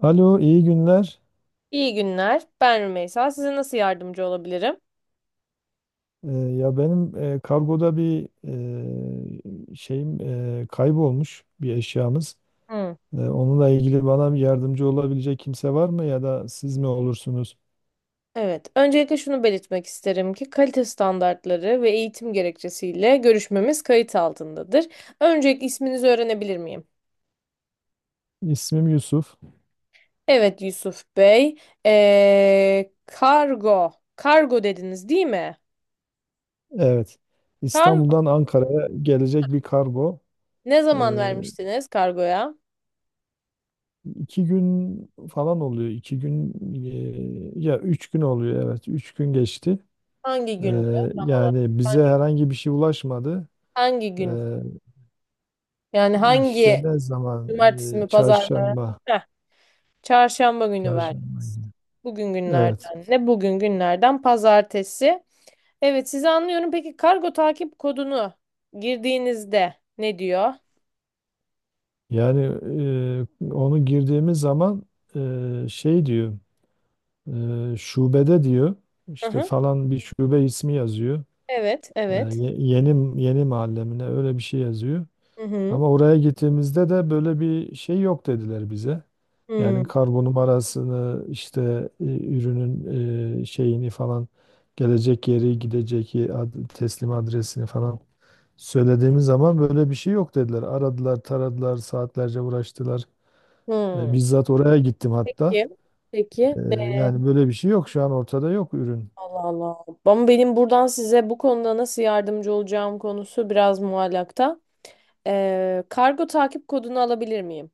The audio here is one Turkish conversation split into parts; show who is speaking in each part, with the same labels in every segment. Speaker 1: Alo, iyi günler.
Speaker 2: İyi günler. Ben Rümeysa. Size nasıl yardımcı olabilirim?
Speaker 1: Ya benim kargoda bir e, şeyim e, kaybolmuş bir eşyamız.
Speaker 2: Hı.
Speaker 1: Onunla ilgili bana bir yardımcı olabilecek kimse var mı ya da siz mi olursunuz?
Speaker 2: Evet. Öncelikle şunu belirtmek isterim ki kalite standartları ve eğitim gerekçesiyle görüşmemiz kayıt altındadır. Öncelikle isminizi öğrenebilir miyim?
Speaker 1: İsmim Yusuf.
Speaker 2: Evet Yusuf Bey. Kargo. Kargo dediniz değil mi?
Speaker 1: Evet.
Speaker 2: Kargo.
Speaker 1: İstanbul'dan Ankara'ya gelecek bir kargo.
Speaker 2: Ne
Speaker 1: E,
Speaker 2: zaman vermiştiniz kargoya?
Speaker 1: iki gün falan oluyor. Ya üç gün oluyor. Evet, üç gün geçti.
Speaker 2: Hangi
Speaker 1: E,
Speaker 2: gündü tam olarak?
Speaker 1: Yani bize
Speaker 2: Hangi,
Speaker 1: herhangi bir şey ulaşmadı.
Speaker 2: hangi
Speaker 1: Ee,
Speaker 2: gün? Yani
Speaker 1: İşte
Speaker 2: hangi,
Speaker 1: ne zaman?
Speaker 2: cumartesi mi pazar mı?
Speaker 1: Çarşamba.
Speaker 2: Çarşamba günü
Speaker 1: Çarşamba
Speaker 2: verdiniz.
Speaker 1: günü.
Speaker 2: Bugün
Speaker 1: Evet.
Speaker 2: günlerden ne? Bugün günlerden pazartesi. Evet sizi anlıyorum. Peki kargo takip kodunu girdiğinizde ne diyor?
Speaker 1: Yani Onu girdiğimiz zaman e, şey diyor. Şubede diyor.
Speaker 2: Hı
Speaker 1: İşte
Speaker 2: hı.
Speaker 1: falan bir şube ismi yazıyor.
Speaker 2: Evet, evet.
Speaker 1: Yeni yeni mahallemine öyle bir şey yazıyor.
Speaker 2: Hı hı.
Speaker 1: Ama oraya gittiğimizde de böyle bir şey yok dediler bize. Yani
Speaker 2: Hı
Speaker 1: kargo numarasını ürünün e, şeyini falan gelecek yeri teslim adresini falan söylediğimiz zaman böyle bir şey yok dediler. Aradılar, taradılar, saatlerce uğraştılar.
Speaker 2: hı.
Speaker 1: Bizzat oraya gittim hatta.
Speaker 2: Peki. Peki.
Speaker 1: E, Yani böyle bir şey yok. Şu an ortada yok ürün.
Speaker 2: Allah Allah. Ama benim buradan size bu konuda nasıl yardımcı olacağım konusu biraz muallakta. Kargo takip kodunu alabilir miyim?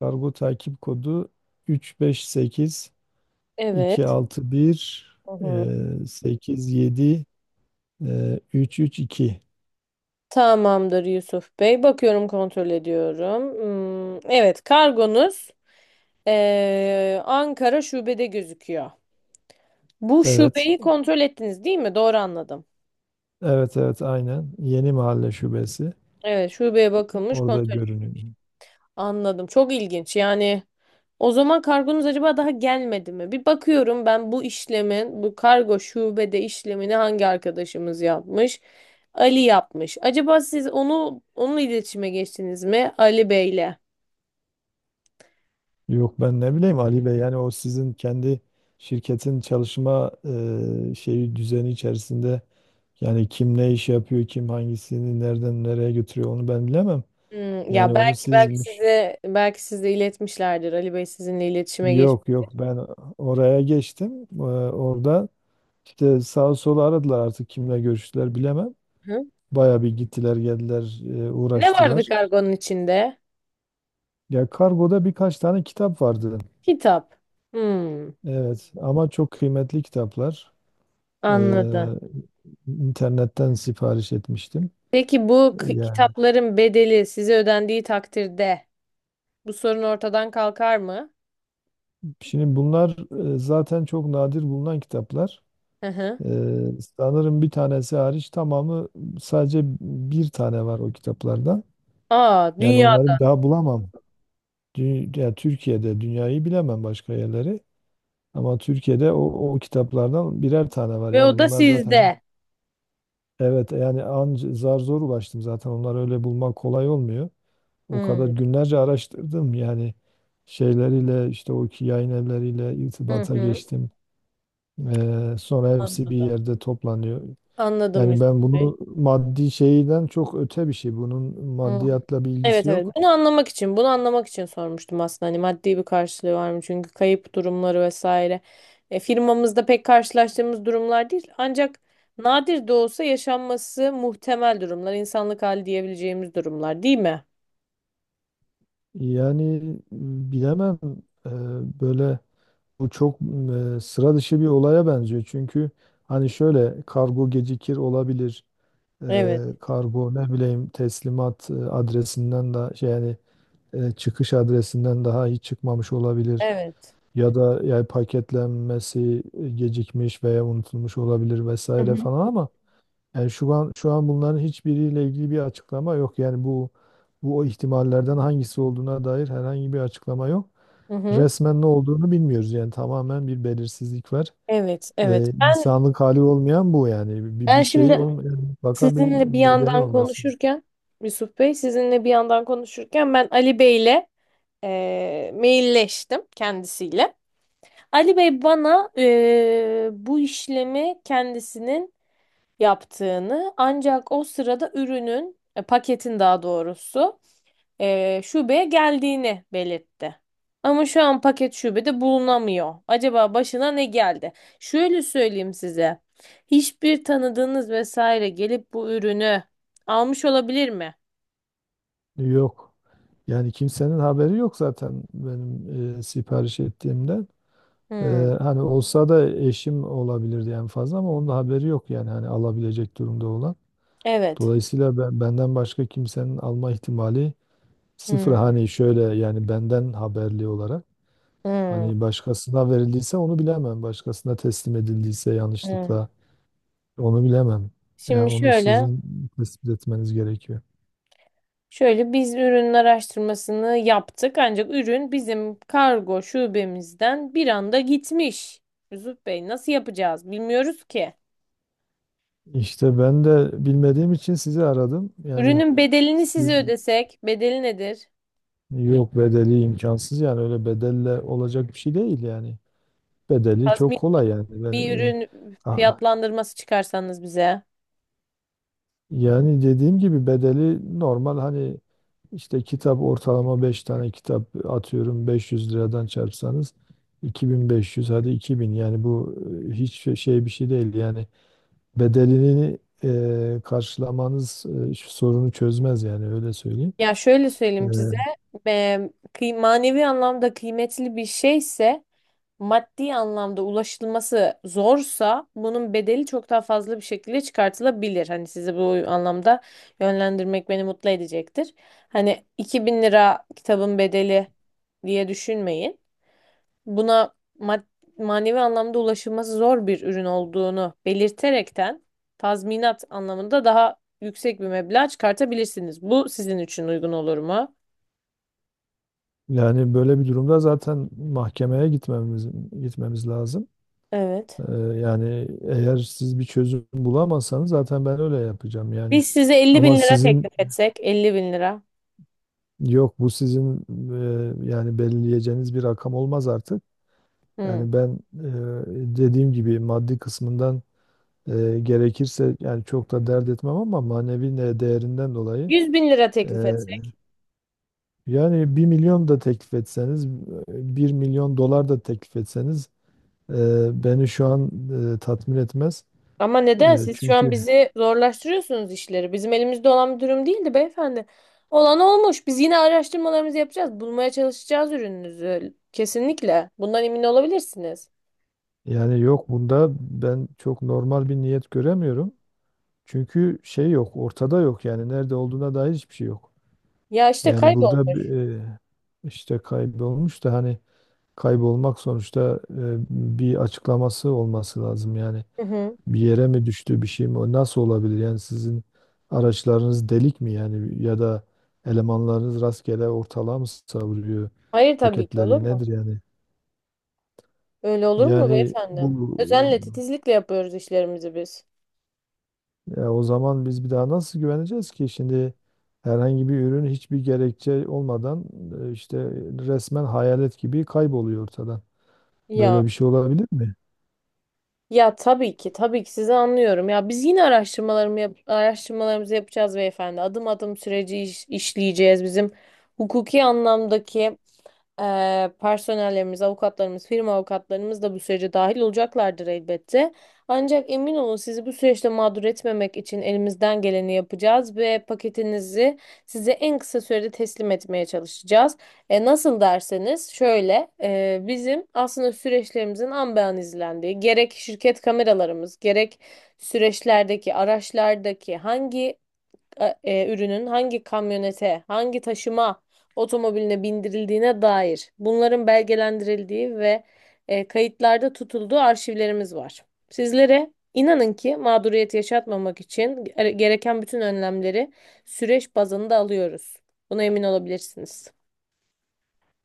Speaker 1: Kargo takip kodu 358
Speaker 2: Evet.
Speaker 1: 261
Speaker 2: Hı hı.
Speaker 1: 87 332.
Speaker 2: Tamamdır Yusuf Bey. Bakıyorum kontrol ediyorum. Hmm, evet kargonuz Ankara şubede gözüküyor. Bu
Speaker 1: Evet.
Speaker 2: şubeyi kontrol ettiniz değil mi? Doğru anladım.
Speaker 1: Evet aynen. Yeni Mahalle Şubesi.
Speaker 2: Evet şubeye bakılmış
Speaker 1: Orada
Speaker 2: kontrol.
Speaker 1: görünüyor.
Speaker 2: Anladım. Çok ilginç. Yani o zaman kargonuz acaba daha gelmedi mi? Bir bakıyorum ben bu işlemin, bu kargo şubede işlemini hangi arkadaşımız yapmış? Ali yapmış. Acaba siz onu, onunla iletişime geçtiniz mi Ali Bey'le?
Speaker 1: Yok ben ne bileyim Ali Bey, yani o sizin kendi şirketin çalışma e, şeyi düzeni içerisinde. Yani kim ne iş yapıyor, kim hangisini nereden nereye götürüyor onu ben bilemem.
Speaker 2: Hmm,
Speaker 1: Yani
Speaker 2: ya
Speaker 1: onu
Speaker 2: belki
Speaker 1: sizmiş.
Speaker 2: size, belki size iletmişlerdir. Ali Bey sizinle iletişime geçti.
Speaker 1: Yok ben oraya geçtim. Orada işte sağa sola aradılar, artık kimle görüştüler bilemem.
Speaker 2: Hı?
Speaker 1: Baya bir gittiler geldiler,
Speaker 2: Ne vardı
Speaker 1: uğraştılar.
Speaker 2: kargonun içinde?
Speaker 1: Ya kargoda birkaç tane kitap vardı.
Speaker 2: Kitap. Hmm,
Speaker 1: Evet, ama çok kıymetli kitaplar. Ee,
Speaker 2: anladım.
Speaker 1: internetten sipariş etmiştim.
Speaker 2: Peki bu
Speaker 1: Yani
Speaker 2: kitapların bedeli size ödendiği takdirde bu sorun ortadan kalkar mı?
Speaker 1: şimdi bunlar zaten çok nadir bulunan kitaplar.
Speaker 2: Hı hı.
Speaker 1: Sanırım bir tanesi hariç tamamı, sadece bir tane var o kitaplardan.
Speaker 2: Aa,
Speaker 1: Yani onları
Speaker 2: dünyada
Speaker 1: bir daha bulamam. Ya Türkiye'de, dünyayı bilemem başka yerleri. Ama Türkiye'de o, o kitaplardan birer tane var.
Speaker 2: ve
Speaker 1: Yani
Speaker 2: o da
Speaker 1: bunlar zaten,
Speaker 2: sizde.
Speaker 1: evet, yani anca zar zor ulaştım zaten. Onları öyle bulmak kolay olmuyor. O kadar
Speaker 2: Hmm.
Speaker 1: günlerce araştırdım, yani şeyleriyle işte o ki yayın evleriyle
Speaker 2: Hı
Speaker 1: irtibata
Speaker 2: hı.
Speaker 1: geçtim. Sonra hepsi bir
Speaker 2: Anladım.
Speaker 1: yerde toplanıyor.
Speaker 2: Anladım
Speaker 1: Yani
Speaker 2: Yusuf
Speaker 1: ben
Speaker 2: Bey.
Speaker 1: bunu maddi şeyden çok öte bir şey. Bunun
Speaker 2: Hı.
Speaker 1: maddiyatla bir
Speaker 2: Evet
Speaker 1: ilgisi
Speaker 2: evet.
Speaker 1: yok.
Speaker 2: Bunu anlamak için sormuştum aslında. Hani maddi bir karşılığı var mı? Çünkü kayıp durumları vesaire. E, firmamızda pek karşılaştığımız durumlar değil. Ancak nadir de olsa yaşanması muhtemel durumlar, insanlık hali diyebileceğimiz durumlar, değil mi?
Speaker 1: Yani Bilemem, e, böyle bu çok sıra dışı bir olaya benziyor. Çünkü hani şöyle kargo gecikir, olabilir.
Speaker 2: Evet,
Speaker 1: Kargo ne bileyim, teslimat adresinden de şey yani çıkış adresinden daha hiç çıkmamış olabilir.
Speaker 2: evet.
Speaker 1: Ya da yani paketlenmesi gecikmiş veya unutulmuş olabilir
Speaker 2: Hı hı.
Speaker 1: vesaire falan, ama yani şu an bunların hiçbiriyle ilgili bir açıklama yok. Yani bu, o ihtimallerden hangisi olduğuna dair herhangi bir açıklama yok.
Speaker 2: Hı hı.
Speaker 1: Resmen ne olduğunu bilmiyoruz. Yani tamamen bir belirsizlik var.
Speaker 2: Evet, evet. Ben
Speaker 1: İnsanlık hali olmayan bu yani. Bir,
Speaker 2: ben
Speaker 1: bir şey
Speaker 2: şimdi
Speaker 1: olmayan, mutlaka bir
Speaker 2: sizinle bir
Speaker 1: nedeni
Speaker 2: yandan
Speaker 1: olmasın.
Speaker 2: konuşurken, Yusuf Bey sizinle bir yandan konuşurken ben Ali Bey'le mailleştim kendisiyle. Ali Bey bana bu işlemi kendisinin yaptığını, ancak o sırada ürünün, paketin daha doğrusu şubeye geldiğini belirtti. Ama şu an paket şubede bulunamıyor. Acaba başına ne geldi? Şöyle söyleyeyim size. Hiçbir tanıdığınız vesaire gelip bu ürünü almış olabilir mi?
Speaker 1: Yok. Yani kimsenin haberi yok zaten, benim sipariş ettiğimde. Ee,
Speaker 2: Hmm,
Speaker 1: Hani olsa da eşim olabilirdi en fazla, ama onun da haberi yok yani, hani alabilecek durumda olan.
Speaker 2: evet.
Speaker 1: Dolayısıyla ben, benden başka kimsenin alma ihtimali sıfır.
Speaker 2: Hmm,
Speaker 1: Hani şöyle yani benden haberli olarak,
Speaker 2: hmm,
Speaker 1: hani başkasına verildiyse onu bilemem. Başkasına teslim edildiyse yanlışlıkla
Speaker 2: hmm.
Speaker 1: onu bilemem. Yani
Speaker 2: Şimdi
Speaker 1: onu
Speaker 2: şöyle.
Speaker 1: sizin tespit etmeniz gerekiyor.
Speaker 2: Şöyle biz ürün araştırmasını yaptık ancak ürün bizim kargo şubemizden bir anda gitmiş. Yusuf Bey nasıl yapacağız bilmiyoruz ki.
Speaker 1: İşte ben de bilmediğim için sizi aradım. Yani
Speaker 2: Ürünün bedelini size
Speaker 1: siz,
Speaker 2: ödesek, bedeli nedir?
Speaker 1: yok, bedeli imkansız yani, öyle bedelle olacak bir şey değil yani. Bedeli çok
Speaker 2: Tazmin,
Speaker 1: kolay yani.
Speaker 2: bir
Speaker 1: Ben,
Speaker 2: ürün fiyatlandırması çıkarsanız bize.
Speaker 1: yani dediğim gibi bedeli normal hani işte kitap, ortalama 5 tane kitap atıyorum, 500 liradan çarpsanız 2500, hadi 2000 yani, bu hiç bir şey değil yani, bedelini karşılamanız şu sorunu çözmez yani, öyle söyleyeyim.
Speaker 2: Ya şöyle
Speaker 1: E,
Speaker 2: söyleyeyim size, e, manevi anlamda kıymetli bir şeyse, maddi anlamda ulaşılması zorsa bunun bedeli çok daha fazla bir şekilde çıkartılabilir. Hani sizi bu anlamda yönlendirmek beni mutlu edecektir. Hani 2000 lira kitabın bedeli diye düşünmeyin. Buna manevi anlamda ulaşılması zor bir ürün olduğunu belirterekten tazminat anlamında daha yüksek bir meblağ çıkartabilirsiniz. Bu sizin için uygun olur mu?
Speaker 1: Yani böyle bir durumda zaten mahkemeye gitmemiz gitmemiz lazım.
Speaker 2: Evet.
Speaker 1: Yani eğer siz bir çözüm bulamazsanız zaten ben öyle yapacağım yani.
Speaker 2: Biz size 50
Speaker 1: Ama
Speaker 2: bin lira
Speaker 1: sizin,
Speaker 2: teklif etsek, 50 bin lira.
Speaker 1: yok bu sizin, yani belirleyeceğiniz bir rakam olmaz artık.
Speaker 2: Hmm.
Speaker 1: Yani ben dediğim gibi maddi kısmından, gerekirse yani, çok da dert etmem ama manevi değerinden dolayı,
Speaker 2: 100 bin lira
Speaker 1: e,
Speaker 2: teklif etsek.
Speaker 1: yani bir milyon da teklif etseniz, bir milyon dolar da teklif etseniz, beni şu an tatmin etmez.
Speaker 2: Ama neden siz şu an
Speaker 1: Çünkü
Speaker 2: bizi zorlaştırıyorsunuz işleri? Bizim elimizde olan bir durum değildi beyefendi. Olan olmuş. Biz yine araştırmalarımızı yapacağız. Bulmaya çalışacağız ürününüzü. Kesinlikle. Bundan emin olabilirsiniz.
Speaker 1: yani yok, bunda ben çok normal bir niyet göremiyorum. Çünkü şey yok, ortada yok, yani nerede olduğuna dair hiçbir şey yok.
Speaker 2: Ya işte
Speaker 1: Yani burada bir,
Speaker 2: kaybolmuş.
Speaker 1: e, işte kaybolmuş da, hani kaybolmak sonuçta, bir açıklaması olması lazım yani.
Speaker 2: Hı hı.
Speaker 1: Bir yere mi düştü, bir şey mi, o nasıl olabilir yani? Sizin araçlarınız delik mi yani, ya da elemanlarınız rastgele ortalığa mı savuruyor
Speaker 2: Hayır tabii ki, olur
Speaker 1: paketleri,
Speaker 2: mu?
Speaker 1: nedir yani?
Speaker 2: Öyle olur mu
Speaker 1: Yani
Speaker 2: beyefendi?
Speaker 1: bu,
Speaker 2: Özenle, titizlikle yapıyoruz işlerimizi biz.
Speaker 1: ya o zaman biz bir daha nasıl güveneceğiz ki şimdi? Herhangi bir ürün hiçbir gerekçe olmadan işte resmen hayalet gibi kayboluyor ortadan.
Speaker 2: Ya.
Speaker 1: Böyle bir şey olabilir mi?
Speaker 2: Ya tabii ki, tabii ki sizi anlıyorum. Ya biz yine araştırmalarımızı yapacağız beyefendi. Adım adım süreci işleyeceğiz. Bizim hukuki anlamdaki personellerimiz, avukatlarımız, firma avukatlarımız da bu sürece dahil olacaklardır elbette. Ancak emin olun sizi bu süreçte mağdur etmemek için elimizden geleni yapacağız ve paketinizi size en kısa sürede teslim etmeye çalışacağız. E, nasıl derseniz şöyle, bizim aslında süreçlerimizin an be an izlendiği gerek şirket kameralarımız, gerek süreçlerdeki araçlardaki hangi ürünün hangi kamyonete, hangi taşıma otomobiline bindirildiğine dair bunların belgelendirildiği ve kayıtlarda tutulduğu arşivlerimiz var. Sizlere inanın ki mağduriyet yaşatmamak için gereken bütün önlemleri süreç bazında alıyoruz. Buna emin olabilirsiniz.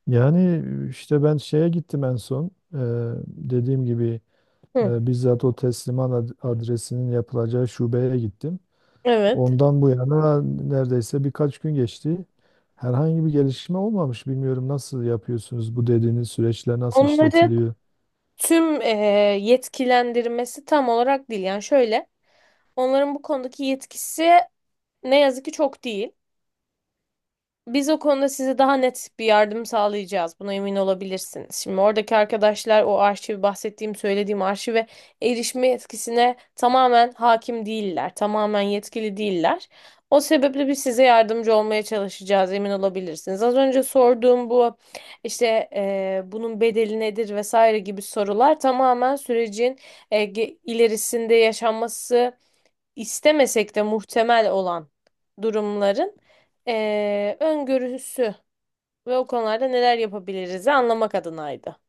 Speaker 1: Yani işte ben şeye gittim en son. Dediğim gibi,
Speaker 2: Hı,
Speaker 1: bizzat o teslimat adresinin yapılacağı şubeye gittim.
Speaker 2: evet.
Speaker 1: Ondan bu yana neredeyse birkaç gün geçti. Herhangi bir gelişme olmamış. Bilmiyorum nasıl yapıyorsunuz, bu dediğiniz süreçler nasıl
Speaker 2: Onları,
Speaker 1: işletiliyor?
Speaker 2: tüm yetkilendirmesi tam olarak değil. Yani şöyle, onların bu konudaki yetkisi ne yazık ki çok değil. Biz o konuda size daha net bir yardım sağlayacağız. Buna emin olabilirsiniz. Şimdi oradaki arkadaşlar o arşivi, bahsettiğim, söylediğim arşive erişme yetkisine tamamen hakim değiller. Tamamen yetkili değiller. O sebeple biz size yardımcı olmaya çalışacağız, emin olabilirsiniz. Az önce sorduğum bu işte bunun bedeli nedir vesaire gibi sorular tamamen sürecin ilerisinde yaşanması istemesek de muhtemel olan durumların öngörüsü ve o konularda neler yapabiliriz anlamak adınaydı.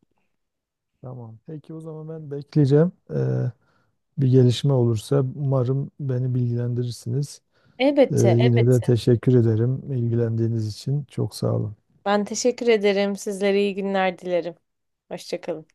Speaker 1: Tamam. Peki o zaman ben bekleyeceğim. Bir gelişme olursa umarım beni bilgilendirirsiniz.
Speaker 2: Elbette,
Speaker 1: Yine
Speaker 2: elbette.
Speaker 1: de teşekkür ederim ilgilendiğiniz için. Çok sağ olun.
Speaker 2: Ben teşekkür ederim. Sizlere iyi günler dilerim. Hoşça kalın.